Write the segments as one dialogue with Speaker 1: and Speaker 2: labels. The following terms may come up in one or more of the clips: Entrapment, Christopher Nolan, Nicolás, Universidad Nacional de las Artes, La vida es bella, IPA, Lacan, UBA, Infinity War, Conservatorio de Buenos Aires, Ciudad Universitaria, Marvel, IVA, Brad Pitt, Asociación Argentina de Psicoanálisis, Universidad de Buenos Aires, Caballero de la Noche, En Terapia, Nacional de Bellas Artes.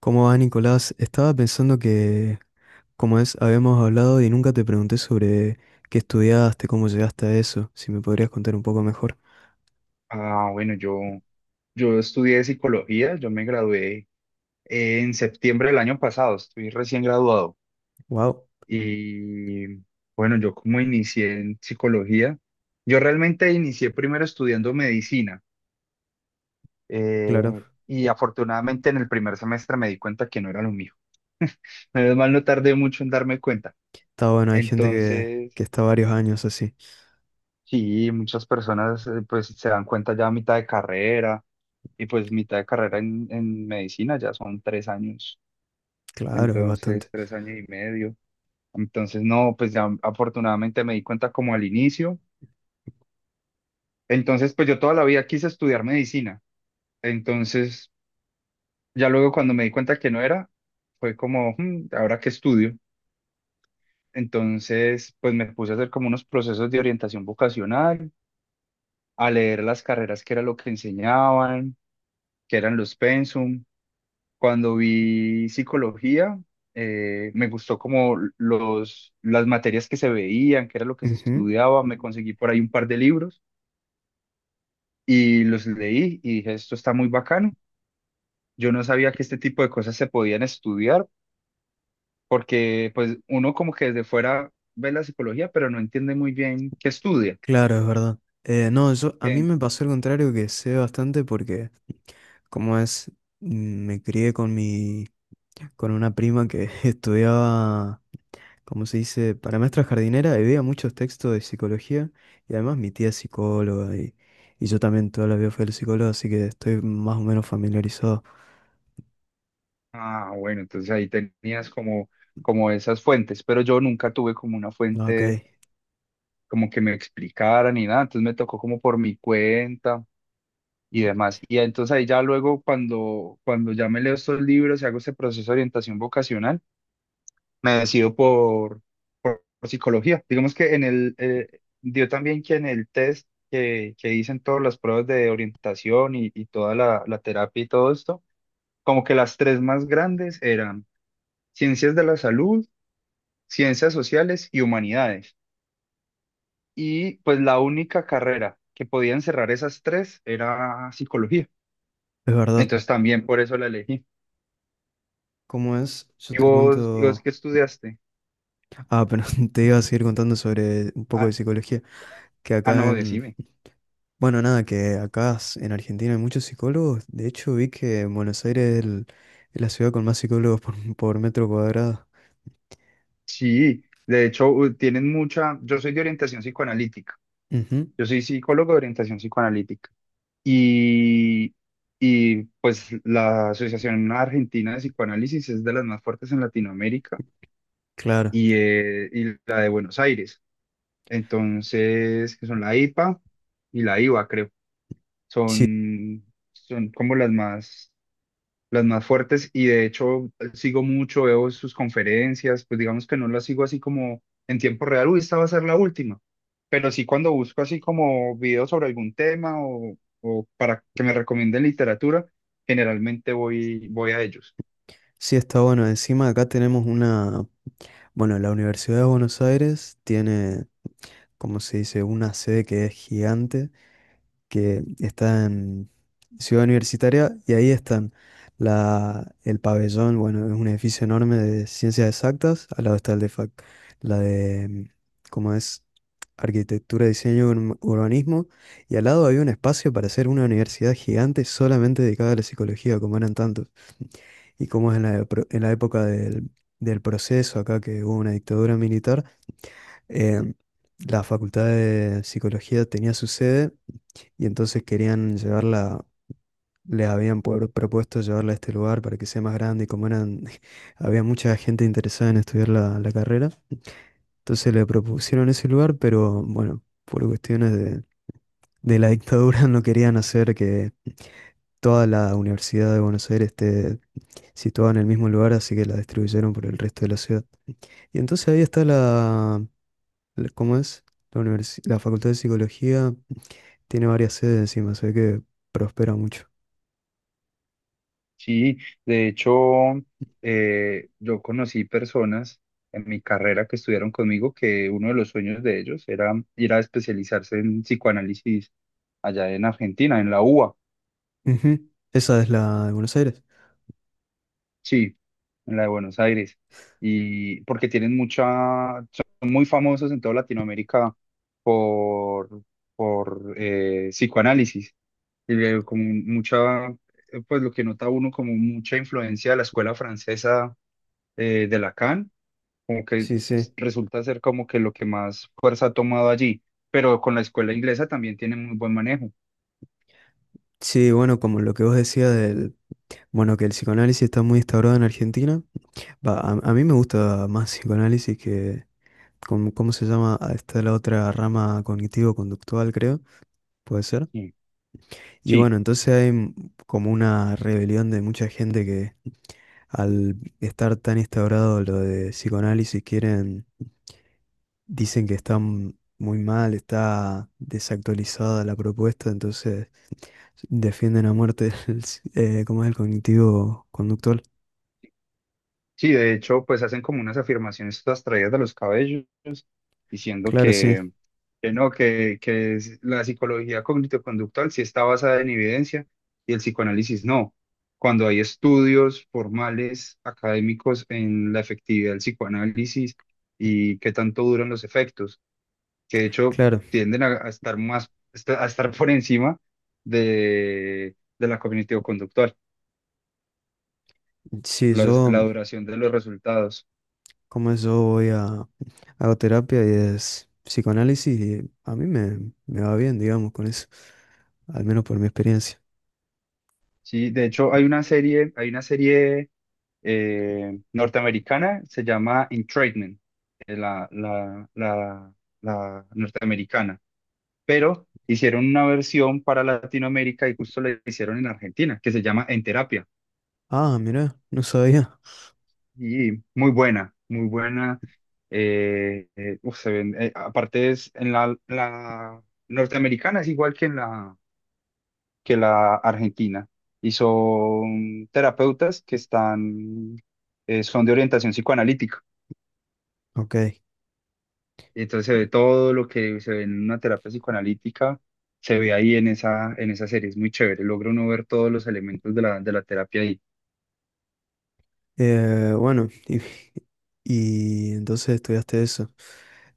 Speaker 1: ¿Cómo va, Nicolás? Estaba pensando que, habíamos hablado y nunca te pregunté sobre qué estudiaste, cómo llegaste a eso, si me podrías contar un poco mejor.
Speaker 2: Ah, bueno, yo estudié psicología, yo me gradué en septiembre del año pasado, estoy recién graduado.
Speaker 1: Wow,
Speaker 2: Y bueno, yo como inicié en psicología, yo realmente inicié primero estudiando medicina
Speaker 1: claro.
Speaker 2: y afortunadamente en el primer semestre me di cuenta que no era lo mío. Menos mal no tardé mucho en darme cuenta.
Speaker 1: Está bueno, hay gente
Speaker 2: Entonces,
Speaker 1: que está varios años así.
Speaker 2: sí, muchas personas pues se dan cuenta ya a mitad de carrera y pues mitad de carrera en medicina ya son tres años,
Speaker 1: Claro, es
Speaker 2: entonces
Speaker 1: bastante.
Speaker 2: tres años y medio. Entonces, no, pues ya afortunadamente me di cuenta como al inicio. Entonces, pues yo toda la vida quise estudiar medicina. Entonces, ya luego cuando me di cuenta que no era, fue como, "Hmm, ¿ahora qué estudio?" Entonces, pues me puse a hacer como unos procesos de orientación vocacional, a leer las carreras, que era lo que enseñaban, que eran los pensum. Cuando vi psicología, me gustó como las materias que se veían, qué era lo que se
Speaker 1: Ujú.
Speaker 2: estudiaba, me conseguí por ahí un par de libros y los leí y dije, esto está muy bacano. Yo no sabía que este tipo de cosas se podían estudiar, porque pues uno como que desde fuera ve la psicología, pero no entiende muy bien qué estudia.
Speaker 1: Claro, es verdad. No, yo, a mí
Speaker 2: En-
Speaker 1: me pasó el contrario que sé bastante porque, como es, me crié con con una prima que estudiaba, como se dice, para maestra jardinera y veía muchos textos de psicología y además mi tía es psicóloga y yo también toda la vida fui al psicólogo, así que estoy más o menos familiarizado.
Speaker 2: ah, bueno, entonces ahí tenías como, como esas fuentes, pero yo nunca tuve como una
Speaker 1: Ah, ok,
Speaker 2: fuente
Speaker 1: es
Speaker 2: como que me explicara ni nada, entonces me tocó como por mi cuenta y demás. Y entonces ahí ya luego cuando, cuando ya me leo estos libros y hago este proceso de orientación vocacional, me decido por psicología. Digamos que en el, dio también que en el test que dicen todas las pruebas de orientación y toda la terapia y todo esto, como que las tres más grandes eran ciencias de la salud, ciencias sociales y humanidades. Y pues la única carrera que podía encerrar esas tres era psicología.
Speaker 1: verdad.
Speaker 2: Entonces también por eso la elegí.
Speaker 1: ¿Cómo es? Yo te
Speaker 2: Y vos
Speaker 1: cuento...
Speaker 2: qué estudiaste?
Speaker 1: Ah, pero te iba a seguir contando sobre un poco de
Speaker 2: Ah,
Speaker 1: psicología, que
Speaker 2: ah,
Speaker 1: acá
Speaker 2: no,
Speaker 1: en...
Speaker 2: decime.
Speaker 1: Bueno, nada, que acá en Argentina hay muchos psicólogos. De hecho, vi que en Buenos Aires es la ciudad con más psicólogos por, por metro cuadrado.
Speaker 2: Sí, de hecho, tienen mucha. Yo soy de orientación psicoanalítica.
Speaker 1: Ujú,
Speaker 2: Yo soy psicólogo de orientación psicoanalítica. Y, y pues la Asociación Argentina de Psicoanálisis es de las más fuertes en Latinoamérica
Speaker 1: claro.
Speaker 2: y la de Buenos Aires. Entonces, que son la IPA y la IVA, creo.
Speaker 1: Sí,
Speaker 2: Son, Son como las más, las más fuertes, y de hecho sigo mucho, veo sus conferencias, pues digamos que no las sigo así como en tiempo real, uy, esta va a ser la última, pero sí cuando busco así como videos sobre algún tema, o para que me recomienden literatura, generalmente voy a ellos.
Speaker 1: sí está bueno. Encima acá tenemos una, bueno, la Universidad de Buenos Aires tiene, como se dice, una sede que es gigante que está en Ciudad Universitaria y ahí están el pabellón, bueno, es un edificio enorme de ciencias exactas, al lado está el de la ¿cómo es? Arquitectura, diseño, urbanismo, y al lado había un espacio para hacer una universidad gigante solamente dedicada a la psicología, como eran tantos, y como es, en en la época del proceso acá que hubo una dictadura militar, em, la Facultad de Psicología tenía su sede y entonces querían llevarla, les habían propuesto llevarla a este lugar para que sea más grande y como eran, había mucha gente interesada en estudiar la carrera, entonces le propusieron ese lugar, pero bueno, por cuestiones de la dictadura no querían hacer que toda la Universidad de Buenos Aires esté situada en el mismo lugar, así que la distribuyeron por el resto de la ciudad. Y entonces ahí está ¿cómo es? La Facultad de Psicología tiene varias sedes encima, se ve que prospera mucho.
Speaker 2: Sí, de hecho, yo conocí personas en mi carrera que estudiaron conmigo, que uno de los sueños de ellos era ir a especializarse en psicoanálisis allá en Argentina, en la UBA.
Speaker 1: Ujú, esa es la de Buenos Aires.
Speaker 2: Sí, en la de Buenos Aires. Y porque tienen mucha, son muy famosos en toda Latinoamérica por, por psicoanálisis. Y como mucha, pues lo que nota uno como mucha influencia de la escuela francesa, de Lacan, como que
Speaker 1: Sí, sí.
Speaker 2: resulta ser como que lo que más fuerza ha tomado allí. Pero con la escuela inglesa también tiene muy buen manejo.
Speaker 1: Sí, bueno, como lo que vos decías del, bueno, que el psicoanálisis está muy instaurado en Argentina. Va, a mí me gusta más psicoanálisis que, ¿cómo, cómo se llama? Ah, está la otra rama cognitivo-conductual, creo, puede ser.
Speaker 2: Sí,
Speaker 1: Y
Speaker 2: sí,
Speaker 1: bueno, entonces hay como una rebelión de mucha gente que al estar tan instaurado lo de psicoanálisis quieren, dicen que está muy mal, está desactualizada la propuesta, entonces... Defienden a muerte ¿cómo es el cognitivo conductual?
Speaker 2: sí, de hecho, pues hacen como unas afirmaciones todas traídas de los cabellos diciendo
Speaker 1: Claro, sí,
Speaker 2: que no, que la psicología cognitivo-conductual sí está basada en evidencia y el psicoanálisis no. Cuando hay estudios formales, académicos en la efectividad del psicoanálisis y qué tanto duran los efectos, que de hecho
Speaker 1: claro.
Speaker 2: tienden a estar más, a estar por encima de la cognitivo-conductual,
Speaker 1: Sí,
Speaker 2: la duración de los resultados.
Speaker 1: yo voy a, hago terapia y es psicoanálisis y a mí me va bien, digamos, con eso, al menos por mi experiencia.
Speaker 2: Sí, de hecho hay una serie norteamericana, se llama Entrapment, eh, la, la, la, la norteamericana, pero hicieron una versión para Latinoamérica y justo la hicieron en Argentina, que se llama En Terapia,
Speaker 1: Ah, mira, no sabía.
Speaker 2: y muy buena, muy buena. Uf, aparte es en la norteamericana, es igual que en la, que la argentina, y son terapeutas que están, son de orientación psicoanalítica.
Speaker 1: Ok,
Speaker 2: Y entonces se ve todo lo que se ve en una terapia psicoanalítica, se ve ahí en esa serie, es muy chévere, logra uno ver todos los elementos de de la terapia ahí.
Speaker 1: Bueno, y, y entonces estudiaste eso.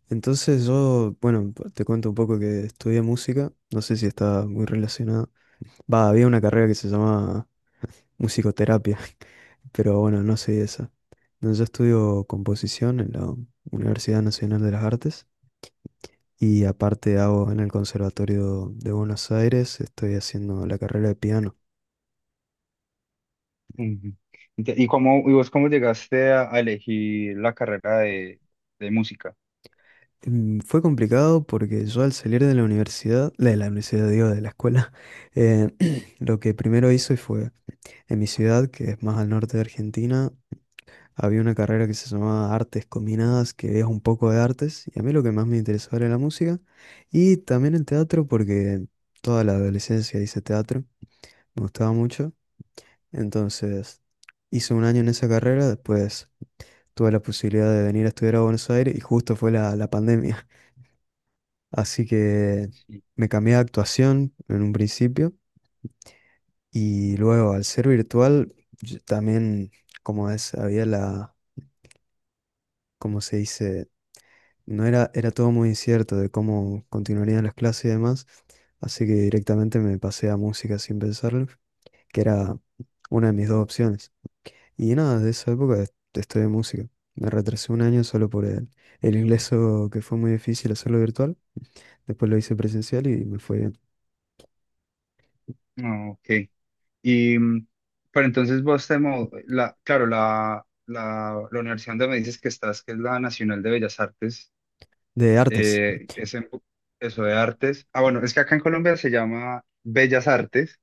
Speaker 1: Entonces yo, bueno, te cuento un poco que estudié música, no sé si está muy relacionada. Va, había una carrera que se llama musicoterapia, pero bueno, no sé esa. No, yo estudio composición en la Universidad Nacional de las Artes y aparte hago en el Conservatorio de Buenos Aires, estoy haciendo la carrera de piano.
Speaker 2: Ujú. ¿Y cómo, y vos cómo llegaste a elegir la carrera de música?
Speaker 1: Fue complicado porque yo al salir de la universidad, digo, de la escuela, eh, lo que primero hice fue, en mi ciudad, que es más al norte de Argentina, había una carrera que se llamaba Artes Combinadas, que es un poco de artes, y a mí lo que más me interesaba era la música, y también el teatro, porque toda la adolescencia hice teatro, me gustaba mucho, entonces hice un año en esa carrera, después tuve la posibilidad de venir a estudiar a Buenos Aires, y justo fue la pandemia. Así que
Speaker 2: Sí.
Speaker 1: me cambié de actuación en un principio y luego al ser virtual yo también, había como se dice, no era, era todo muy incierto de cómo continuarían las clases y demás, así que directamente me pasé a música sin pensarlo, que era una de mis dos opciones. Y nada, de esa época estudié música. Me retrasé un año solo por el ingreso que fue muy difícil hacerlo virtual, después lo hice presencial y me fue bien.
Speaker 2: Ah, ok. Y, mm, pero entonces vos te, claro, la universidad donde me dices que estás, que es la Nacional de Bellas Artes,
Speaker 1: De artes.
Speaker 2: eh, es en- eso de artes. Ah, bueno, es que acá en Colombia se llama Bellas Artes,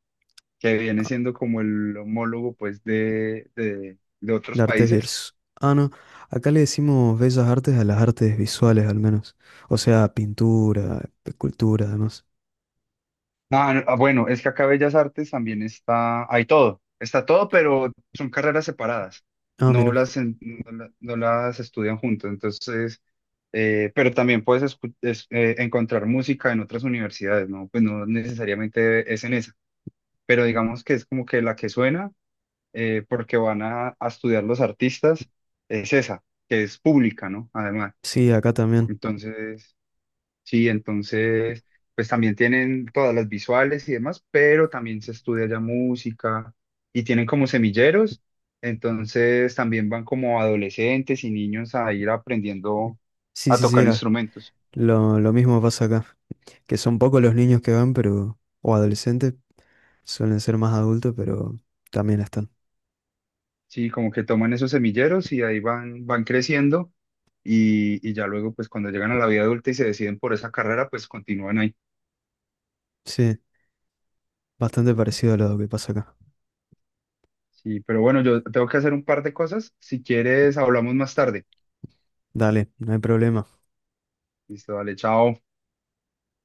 Speaker 2: que viene siendo como el homólogo pues de
Speaker 1: De
Speaker 2: otros
Speaker 1: artes
Speaker 2: países.
Speaker 1: visuales. Ah, no. Acá le decimos bellas artes a las artes visuales, al menos. O sea, pintura, escultura, además.
Speaker 2: Ah, no, ah, bueno, es que acá Bellas Artes también está, hay todo, está todo, pero son carreras separadas,
Speaker 1: Ah,
Speaker 2: no
Speaker 1: mira.
Speaker 2: las, no las estudian juntos, entonces, pero también puedes encontrar música en otras universidades, ¿no? Pues no necesariamente es en esa, pero digamos que es como que la que suena, porque van a estudiar los artistas, es esa, que es pública, ¿no? Además,
Speaker 1: Sí, acá también.
Speaker 2: entonces... Sí, entonces, pues también tienen todas las visuales y demás, pero también se estudia ya música y tienen como semilleros, entonces también van como adolescentes y niños a ir aprendiendo
Speaker 1: Sí,
Speaker 2: a
Speaker 1: sí, sí.
Speaker 2: tocar instrumentos.
Speaker 1: Lo mismo pasa acá. Que son pocos los niños que van, pero... O adolescentes. Suelen ser más adultos, pero también están.
Speaker 2: Sí, como que toman esos semilleros y ahí van creciendo y ya luego, pues cuando llegan a la vida adulta y se deciden por esa carrera, pues continúan ahí.
Speaker 1: Sí, bastante parecido a lo que pasa acá.
Speaker 2: Sí, pero bueno, yo tengo que hacer un par de cosas. Si quieres, hablamos más tarde.
Speaker 1: Dale, no hay problema.
Speaker 2: Listo, dale, chao.